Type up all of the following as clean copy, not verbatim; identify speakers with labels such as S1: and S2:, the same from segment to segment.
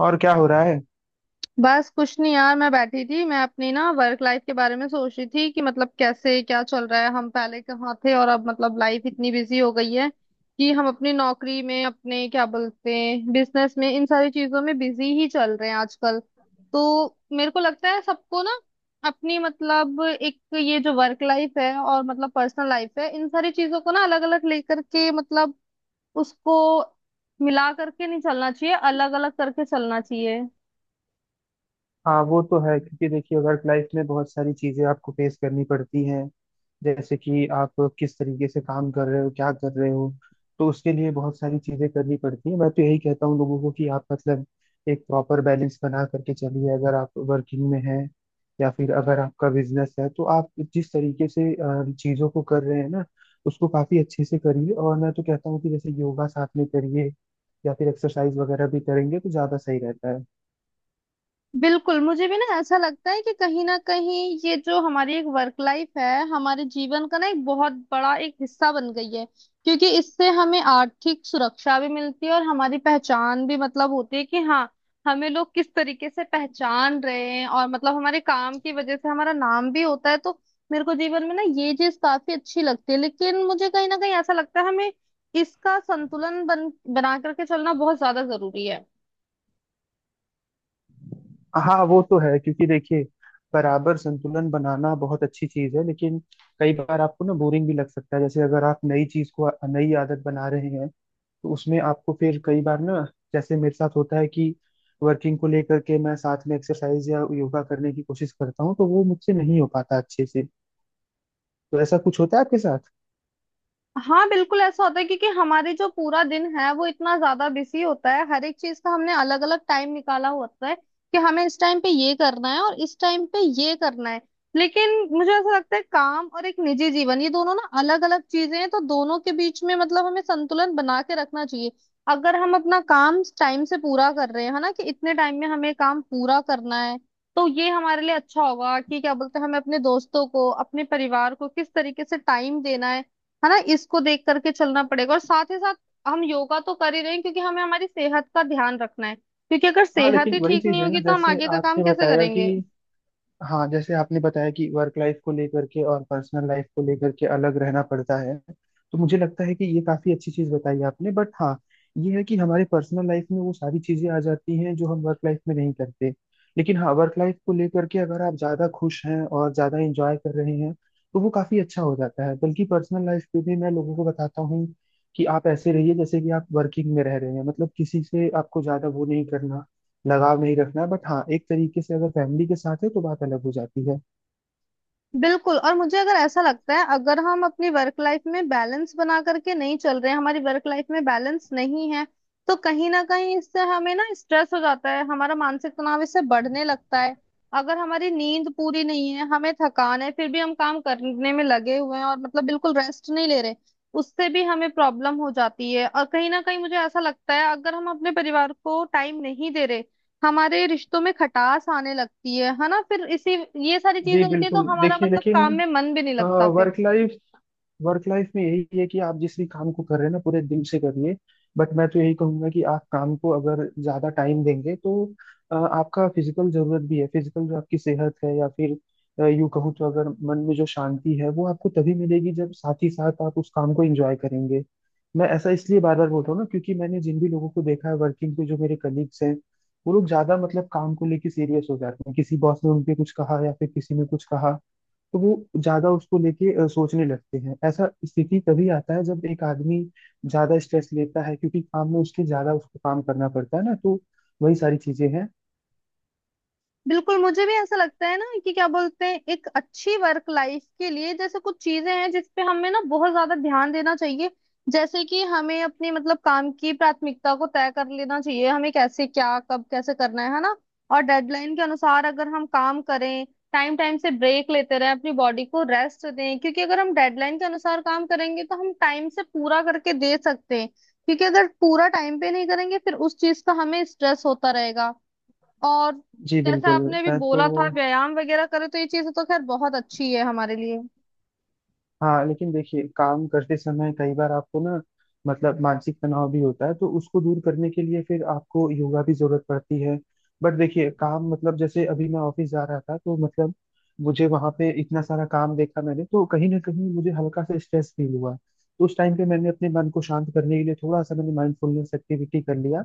S1: और क्या हो रहा है।
S2: बस कुछ नहीं यार। मैं बैठी थी, मैं अपनी ना वर्क लाइफ के बारे में सोच रही थी कि मतलब कैसे, क्या चल रहा है, हम पहले कहाँ थे और अब मतलब लाइफ इतनी बिजी हो गई है कि हम अपनी नौकरी में, अपने क्या बोलते हैं, बिजनेस में, इन सारी चीजों में बिजी ही चल रहे हैं आजकल। तो मेरे को लगता है सबको ना अपनी मतलब एक ये जो वर्क लाइफ है और मतलब पर्सनल लाइफ है, इन सारी चीजों को ना अलग अलग लेकर के, मतलब उसको मिला करके नहीं चलना चाहिए, अलग अलग करके चलना चाहिए।
S1: हाँ वो तो है क्योंकि देखिए वर्क लाइफ में बहुत सारी चीजें आपको फेस करनी पड़ती हैं। जैसे कि आप किस तरीके से काम कर रहे हो, क्या कर रहे हो, तो उसके लिए बहुत सारी चीजें करनी पड़ती हैं। मैं तो यही कहता हूँ लोगों को कि आप मतलब एक प्रॉपर बैलेंस बना करके चलिए। अगर आप वर्किंग में हैं या फिर अगर आपका बिजनेस है, तो आप जिस तरीके से चीजों को कर रहे हैं ना, उसको काफी अच्छे से करिए। और मैं तो कहता हूँ कि जैसे योगा साथ में करिए या फिर एक्सरसाइज वगैरह भी करेंगे तो ज्यादा सही रहता है।
S2: बिल्कुल, मुझे भी ना ऐसा लगता है कि कहीं ना कहीं ये जो हमारी एक वर्क लाइफ है, हमारे जीवन का ना एक बहुत बड़ा एक हिस्सा बन गई है। क्योंकि इससे हमें आर्थिक सुरक्षा भी मिलती है और हमारी पहचान भी मतलब होती है कि हाँ, हमें लोग किस तरीके से पहचान रहे हैं, और मतलब हमारे काम की वजह से हमारा नाम भी होता है। तो मेरे को जीवन में ना ये चीज काफी अच्छी लगती है, लेकिन मुझे कहीं ना कहीं ऐसा लगता है हमें इसका संतुलन बन बना करके चलना बहुत ज्यादा जरूरी है।
S1: हाँ वो तो है क्योंकि देखिए बराबर संतुलन बनाना बहुत अच्छी चीज है, लेकिन कई बार आपको ना बोरिंग भी लग सकता है। जैसे अगर आप नई चीज को नई आदत बना रहे हैं तो उसमें आपको फिर कई बार ना, जैसे मेरे साथ होता है कि वर्किंग को लेकर के मैं साथ में एक्सरसाइज या योगा करने की कोशिश करता हूँ तो वो मुझसे नहीं हो पाता अच्छे से। तो ऐसा कुछ होता है आपके साथ।
S2: हाँ बिल्कुल, ऐसा होता है, क्योंकि हमारे जो पूरा दिन है वो इतना ज्यादा बिजी होता है, हर एक चीज का हमने अलग अलग टाइम निकाला होता है कि हमें इस टाइम पे ये करना है और इस टाइम पे ये करना है। लेकिन मुझे ऐसा लगता है काम और एक निजी जीवन, ये दोनों ना अलग अलग चीजें हैं, तो दोनों के बीच में मतलब हमें संतुलन बना के रखना चाहिए। अगर हम अपना काम टाइम से पूरा कर रहे हैं, है ना, कि इतने टाइम में हमें काम पूरा करना है, तो ये हमारे लिए अच्छा होगा कि क्या बोलते हैं, हमें अपने दोस्तों को, अपने परिवार को किस तरीके से टाइम देना है ना, इसको देख करके चलना पड़ेगा। और साथ ही साथ हम योगा तो कर ही रहे हैं, क्योंकि हमें हमारी सेहत का ध्यान रखना है, क्योंकि अगर
S1: हाँ
S2: सेहत
S1: लेकिन
S2: ही
S1: वही
S2: ठीक
S1: चीज
S2: नहीं
S1: है
S2: होगी
S1: ना
S2: तो हम
S1: जैसे
S2: आगे का काम
S1: आपने
S2: कैसे
S1: बताया कि
S2: करेंगे।
S1: हाँ, जैसे आपने बताया कि वर्क लाइफ को लेकर के और पर्सनल लाइफ को लेकर के अलग रहना पड़ता है। तो मुझे लगता है कि ये काफी अच्छी चीज बताई आपने, बट हाँ, ये है कि हमारे पर्सनल लाइफ में वो सारी चीजें आ जाती हैं जो हम वर्क लाइफ में नहीं करते। लेकिन हाँ, वर्क लाइफ को लेकर के अगर आप ज्यादा खुश हैं और ज्यादा इंजॉय कर रहे हैं तो वो काफी अच्छा हो जाता है। बल्कि पर्सनल लाइफ पे भी मैं लोगों को बताता हूँ कि आप ऐसे रहिए जैसे कि आप वर्किंग में रह रहे हैं। मतलब किसी से आपको ज्यादा वो नहीं करना, लगाव नहीं रखना है, बट हाँ, एक तरीके से अगर फैमिली के साथ है तो बात अलग हो जाती है।
S2: बिल्कुल, और मुझे अगर ऐसा लगता है अगर हम अपनी वर्क लाइफ में बैलेंस बना करके नहीं चल रहे हैं, हमारी वर्क लाइफ में बैलेंस नहीं है, तो कहीं ना कहीं इससे हमें ना स्ट्रेस हो जाता है, हमारा मानसिक तनाव इससे बढ़ने लगता है। अगर हमारी नींद पूरी नहीं है, हमें थकान है, फिर भी हम काम करने में लगे हुए हैं और मतलब बिल्कुल रेस्ट नहीं ले रहे, उससे भी हमें प्रॉब्लम हो जाती है। और कहीं ना कहीं मुझे ऐसा लगता है अगर हम अपने परिवार को टाइम नहीं दे रहे, हमारे रिश्तों में खटास आने लगती है ना, फिर इसी, ये सारी
S1: जी
S2: चीजें होती है तो
S1: बिल्कुल,
S2: हमारा
S1: देखिए
S2: मतलब
S1: लेकिन
S2: काम में मन भी नहीं लगता फिर।
S1: वर्क लाइफ वर्क लाइफ में यही है कि आप जिस भी काम को कर रहे हैं ना, पूरे दिल से करिए। बट मैं तो यही कहूंगा कि आप काम को अगर ज्यादा टाइम देंगे तो आपका फिजिकल जरूरत भी है। फिजिकल जो आपकी सेहत है, या फिर यूं कहूँ तो अगर मन में जो शांति है वो आपको तभी मिलेगी जब साथ ही साथ आप उस काम को एंजॉय करेंगे। मैं ऐसा इसलिए बार बार बोल रहा हूँ ना, क्योंकि मैंने जिन भी लोगों को देखा है वर्किंग पे, जो मेरे कलीग्स हैं, वो लोग ज्यादा मतलब काम को लेके सीरियस हो जाते हैं। किसी बॉस ने उनके कुछ कहा या फिर किसी ने कुछ कहा तो वो ज्यादा उसको लेके सोचने लगते हैं। ऐसा स्थिति तभी आता है जब एक आदमी ज्यादा स्ट्रेस लेता है, क्योंकि काम में उसके ज्यादा उसको काम करना पड़ता है ना, तो वही सारी चीजें हैं।
S2: बिल्कुल, मुझे भी ऐसा लगता है ना कि क्या बोलते हैं, एक अच्छी वर्क लाइफ के लिए जैसे कुछ चीजें हैं जिस पे हमें ना बहुत ज्यादा ध्यान देना चाहिए। जैसे कि हमें अपने मतलब काम की प्राथमिकता को तय कर लेना चाहिए, हमें कैसे, क्या, कब, कैसे करना है ना। और डेडलाइन के अनुसार अगर हम काम करें, टाइम टाइम से ब्रेक लेते रहें, अपनी बॉडी को रेस्ट दें, क्योंकि अगर हम डेडलाइन के अनुसार काम करेंगे तो हम टाइम से पूरा करके दे सकते हैं, क्योंकि अगर पूरा टाइम पे नहीं करेंगे फिर उस चीज का हमें स्ट्रेस होता रहेगा। और
S1: जी
S2: जैसा
S1: बिल्कुल।
S2: आपने अभी
S1: मैं तो
S2: बोला था व्यायाम वगैरह करे, तो ये चीज तो खैर बहुत अच्छी है हमारे लिए।
S1: हाँ लेकिन देखिए काम करते समय कई बार आपको ना मतलब मानसिक तनाव भी होता है, तो उसको दूर करने के लिए फिर आपको योगा भी जरूरत पड़ती है। बट देखिए काम मतलब जैसे अभी मैं ऑफिस जा रहा था तो मतलब मुझे वहां पे इतना सारा काम देखा मैंने, तो कहीं ना कहीं मुझे हल्का सा स्ट्रेस फील हुआ। तो उस टाइम पे मैंने अपने मन को शांत करने के लिए थोड़ा सा मैंने माइंडफुलनेस एक्टिविटी कर लिया।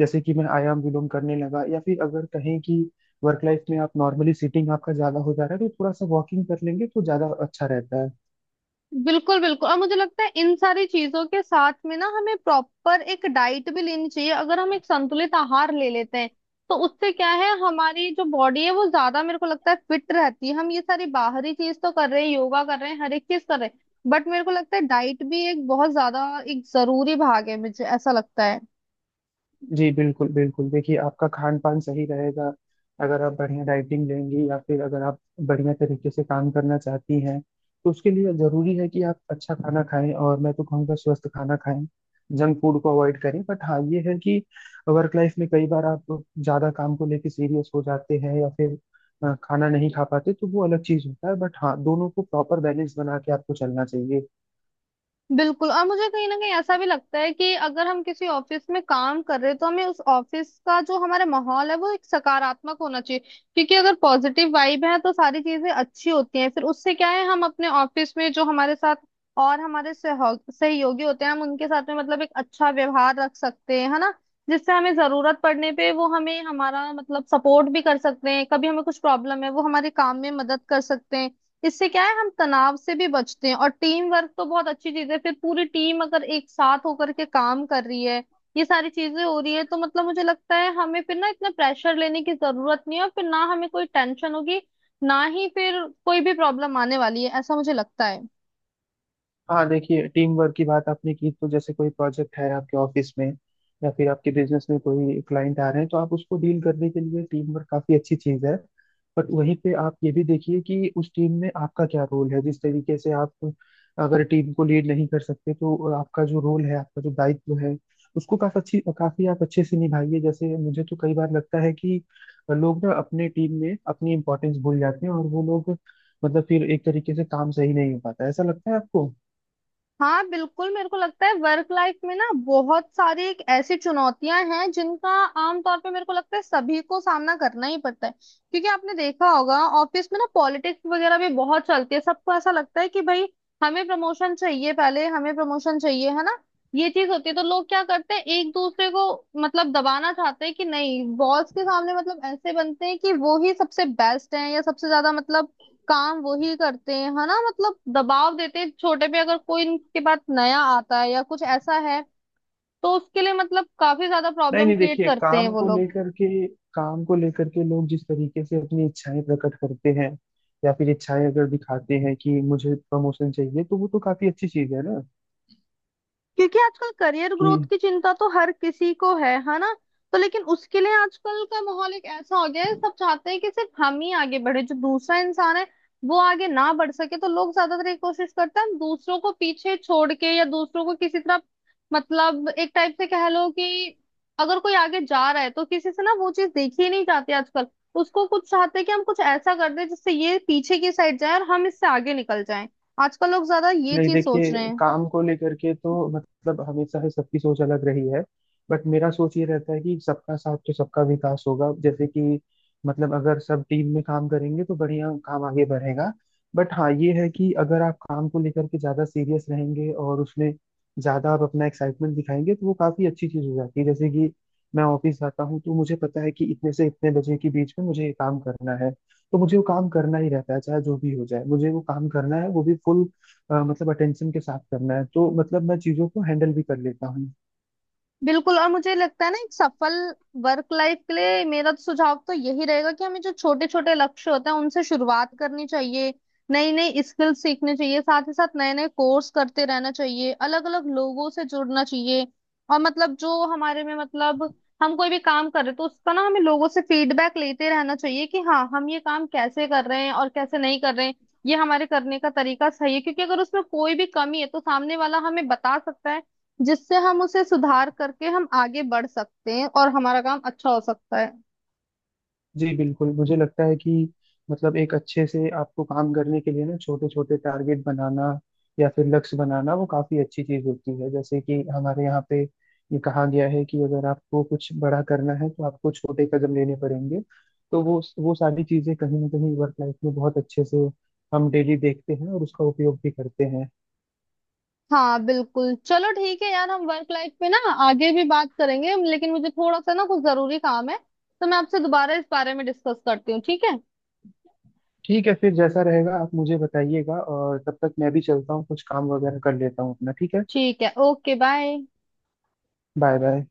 S1: जैसे कि मैं आयाम विलोम करने लगा, या फिर अगर कहें कि वर्क लाइफ में आप नॉर्मली सीटिंग आपका ज्यादा हो जा रहा है तो थोड़ा सा वॉकिंग कर लेंगे तो ज्यादा अच्छा रहता है।
S2: बिल्कुल बिल्कुल, और मुझे लगता है इन सारी चीजों के साथ में ना हमें प्रॉपर एक डाइट भी लेनी चाहिए। अगर हम एक संतुलित आहार ले लेते हैं तो उससे क्या है, हमारी जो बॉडी है वो ज्यादा मेरे को लगता है फिट रहती है। हम ये सारी बाहरी चीज तो कर रहे हैं, योगा कर रहे हैं, हर एक चीज कर रहे हैं, बट मेरे को लगता है डाइट भी एक बहुत ज्यादा एक जरूरी भाग है, मुझे ऐसा लगता है।
S1: जी बिल्कुल बिल्कुल, देखिए आपका खान पान सही रहेगा अगर आप बढ़िया डाइटिंग लेंगी, या फिर अगर आप बढ़िया तरीके से काम करना चाहती हैं तो उसके लिए जरूरी है कि आप अच्छा खाना खाएं, और मैं तो कहूँगा स्वस्थ खाना खाएं। जंक फूड को अवॉइड करें। बट हाँ, ये है कि वर्क लाइफ में कई बार आप ज्यादा काम को लेके सीरियस हो जाते हैं या फिर खाना नहीं खा पाते, तो वो अलग चीज होता है। बट हाँ, दोनों को प्रॉपर बैलेंस बना के आपको चलना चाहिए।
S2: बिल्कुल, और मुझे कहीं ना कहीं ऐसा भी लगता है कि अगर हम किसी ऑफिस में काम कर रहे हैं, तो हमें उस ऑफिस का जो हमारा माहौल है वो एक सकारात्मक होना चाहिए। क्योंकि अगर पॉजिटिव वाइब है तो सारी चीजें अच्छी होती हैं, फिर उससे क्या है हम अपने ऑफिस में जो हमारे साथ और हमारे सहयोगी होते हैं, हम उनके साथ में मतलब एक अच्छा व्यवहार रख सकते हैं, है ना, जिससे हमें जरूरत पड़ने पे वो हमें हमारा मतलब सपोर्ट भी कर सकते हैं। कभी हमें कुछ प्रॉब्लम है वो हमारे काम में मदद कर सकते हैं, इससे क्या है हम तनाव से भी बचते हैं। और टीम वर्क तो बहुत अच्छी चीज है, फिर पूरी टीम अगर एक साथ होकर के काम कर रही है, ये सारी चीजें हो रही है, तो मतलब मुझे लगता है हमें फिर ना इतना प्रेशर लेने की जरूरत नहीं है, और फिर ना हमें कोई टेंशन होगी, ना ही फिर कोई भी प्रॉब्लम आने वाली है, ऐसा मुझे लगता है।
S1: हाँ देखिए, टीम वर्क की बात आपने की, तो जैसे कोई प्रोजेक्ट है आपके ऑफिस में या फिर आपके बिजनेस में कोई क्लाइंट आ रहे हैं, तो आप उसको डील करने के लिए टीम वर्क काफी अच्छी चीज है। बट वहीं पे आप ये भी देखिए कि उस टीम में आपका क्या रोल है। जिस तरीके से आप, अगर टीम को लीड नहीं कर सकते तो आपका जो रोल है, आपका जो दायित्व है, उसको काफी अच्छी काफी आप अच्छे से निभाइए। जैसे मुझे तो कई बार लगता है कि लोग ना अपने टीम में अपनी इंपॉर्टेंस भूल जाते हैं, और वो लोग मतलब फिर एक तरीके से काम सही नहीं हो पाता है। ऐसा लगता है आपको।
S2: हाँ बिल्कुल, मेरे को लगता है वर्क लाइफ में ना बहुत सारी एक ऐसी चुनौतियां हैं जिनका आमतौर पे मेरे को लगता है सभी को सामना करना ही पड़ता है। क्योंकि आपने देखा होगा ऑफिस में ना पॉलिटिक्स वगैरह भी बहुत चलती है, सबको ऐसा लगता है कि भाई हमें प्रमोशन चाहिए, पहले हमें प्रमोशन चाहिए, है ना। ये चीज होती है तो लोग क्या करते हैं, एक दूसरे को मतलब दबाना चाहते हैं कि नहीं, बॉस के सामने मतलब ऐसे बनते हैं कि वो ही सबसे बेस्ट है या सबसे ज्यादा मतलब काम वही करते हैं, है ना। मतलब दबाव देते हैं छोटे पे, अगर कोई इनके पास नया आता है या कुछ ऐसा है, तो उसके लिए मतलब काफी ज्यादा
S1: नहीं
S2: प्रॉब्लम
S1: नहीं
S2: क्रिएट
S1: देखिए,
S2: करते हैं
S1: काम
S2: वो
S1: को
S2: लोग।
S1: लेकर के काम को लेकर के लोग जिस तरीके से अपनी इच्छाएं प्रकट करते हैं या फिर इच्छाएं अगर दिखाते हैं कि मुझे प्रमोशन चाहिए, तो वो तो काफी अच्छी चीज है ना
S2: क्योंकि आजकल करियर
S1: कि
S2: ग्रोथ की चिंता तो हर किसी को है ना। तो लेकिन उसके लिए आजकल का माहौल एक ऐसा हो गया है, सब चाहते हैं कि सिर्फ हम ही आगे बढ़े, जो दूसरा इंसान है वो आगे ना बढ़ सके, तो लोग ज्यादातर ये कोशिश करते हैं हम दूसरों को पीछे छोड़ के या दूसरों को किसी तरह मतलब एक टाइप से कह लो कि अगर कोई आगे जा रहा है तो किसी से ना वो चीज देखी ही नहीं जाती आजकल। उसको कुछ चाहते हैं कि हम कुछ ऐसा कर दें जिससे ये पीछे की साइड जाए और हम इससे आगे निकल जाएं, आजकल लोग ज्यादा ये
S1: नहीं।
S2: चीज सोच
S1: देखिए
S2: रहे हैं।
S1: काम को लेकर के तो मतलब हमेशा ही सबकी सोच अलग रही है। बट मेरा सोच ये रहता है कि सबका साथ तो सबका विकास होगा। जैसे कि मतलब अगर सब टीम में काम करेंगे तो बढ़िया काम आगे बढ़ेगा। बट हाँ, ये है कि अगर आप काम को लेकर के ज्यादा सीरियस रहेंगे और उसमें ज्यादा आप अपना एक्साइटमेंट दिखाएंगे तो वो काफी अच्छी चीज हो जाती है। जैसे कि मैं ऑफिस जाता हूँ तो मुझे पता है कि इतने से इतने बजे के बीच में मुझे ये काम करना है, तो मुझे वो काम करना ही रहता है। चाहे जो भी हो जाए मुझे वो काम करना है, वो भी फुल मतलब अटेंशन के साथ करना है, तो मतलब मैं चीज़ों को हैंडल भी कर लेता हूँ।
S2: बिल्कुल, और मुझे लगता है ना एक सफल वर्क लाइफ के लिए मेरा तो सुझाव तो यही रहेगा कि हमें जो छोटे छोटे लक्ष्य होते हैं उनसे शुरुआत करनी चाहिए, नई नई स्किल सीखनी चाहिए, साथ ही साथ नए नए कोर्स करते रहना चाहिए, अलग अलग लोगों से जुड़ना चाहिए। और मतलब जो हमारे में मतलब हम कोई भी काम कर रहे हैं तो उसका ना हमें लोगों से फीडबैक लेते रहना चाहिए कि हाँ, हम ये काम कैसे कर रहे हैं और कैसे नहीं कर रहे हैं, ये हमारे करने का तरीका सही है, क्योंकि अगर उसमें कोई भी कमी है तो सामने वाला हमें बता सकता है, जिससे हम उसे सुधार करके हम आगे बढ़ सकते हैं और हमारा काम अच्छा हो सकता है।
S1: जी बिल्कुल, मुझे लगता है कि मतलब एक अच्छे से आपको काम करने के लिए ना छोटे छोटे टारगेट बनाना या फिर लक्ष्य बनाना, वो काफ़ी अच्छी चीज़ होती है। जैसे कि हमारे यहाँ पे ये कहा गया है कि अगर आपको कुछ बड़ा करना है तो आपको छोटे कदम लेने पड़ेंगे। तो वो सारी चीज़ें कहीं ना कहीं वर्क लाइफ में बहुत अच्छे से हम डेली देखते हैं और उसका उपयोग भी करते हैं।
S2: हाँ बिल्कुल, चलो ठीक है यार, हम वर्क लाइफ पे ना आगे भी बात करेंगे, लेकिन मुझे थोड़ा सा ना कुछ जरूरी काम है, तो मैं आपसे दोबारा इस बारे में डिस्कस करती हूँ, ठीक है।
S1: ठीक है, फिर जैसा रहेगा आप मुझे बताइएगा, और तब तक मैं भी चलता हूँ, कुछ काम वगैरह कर लेता हूँ अपना। ठीक है।
S2: ठीक है, ओके, बाय।
S1: Bye bye.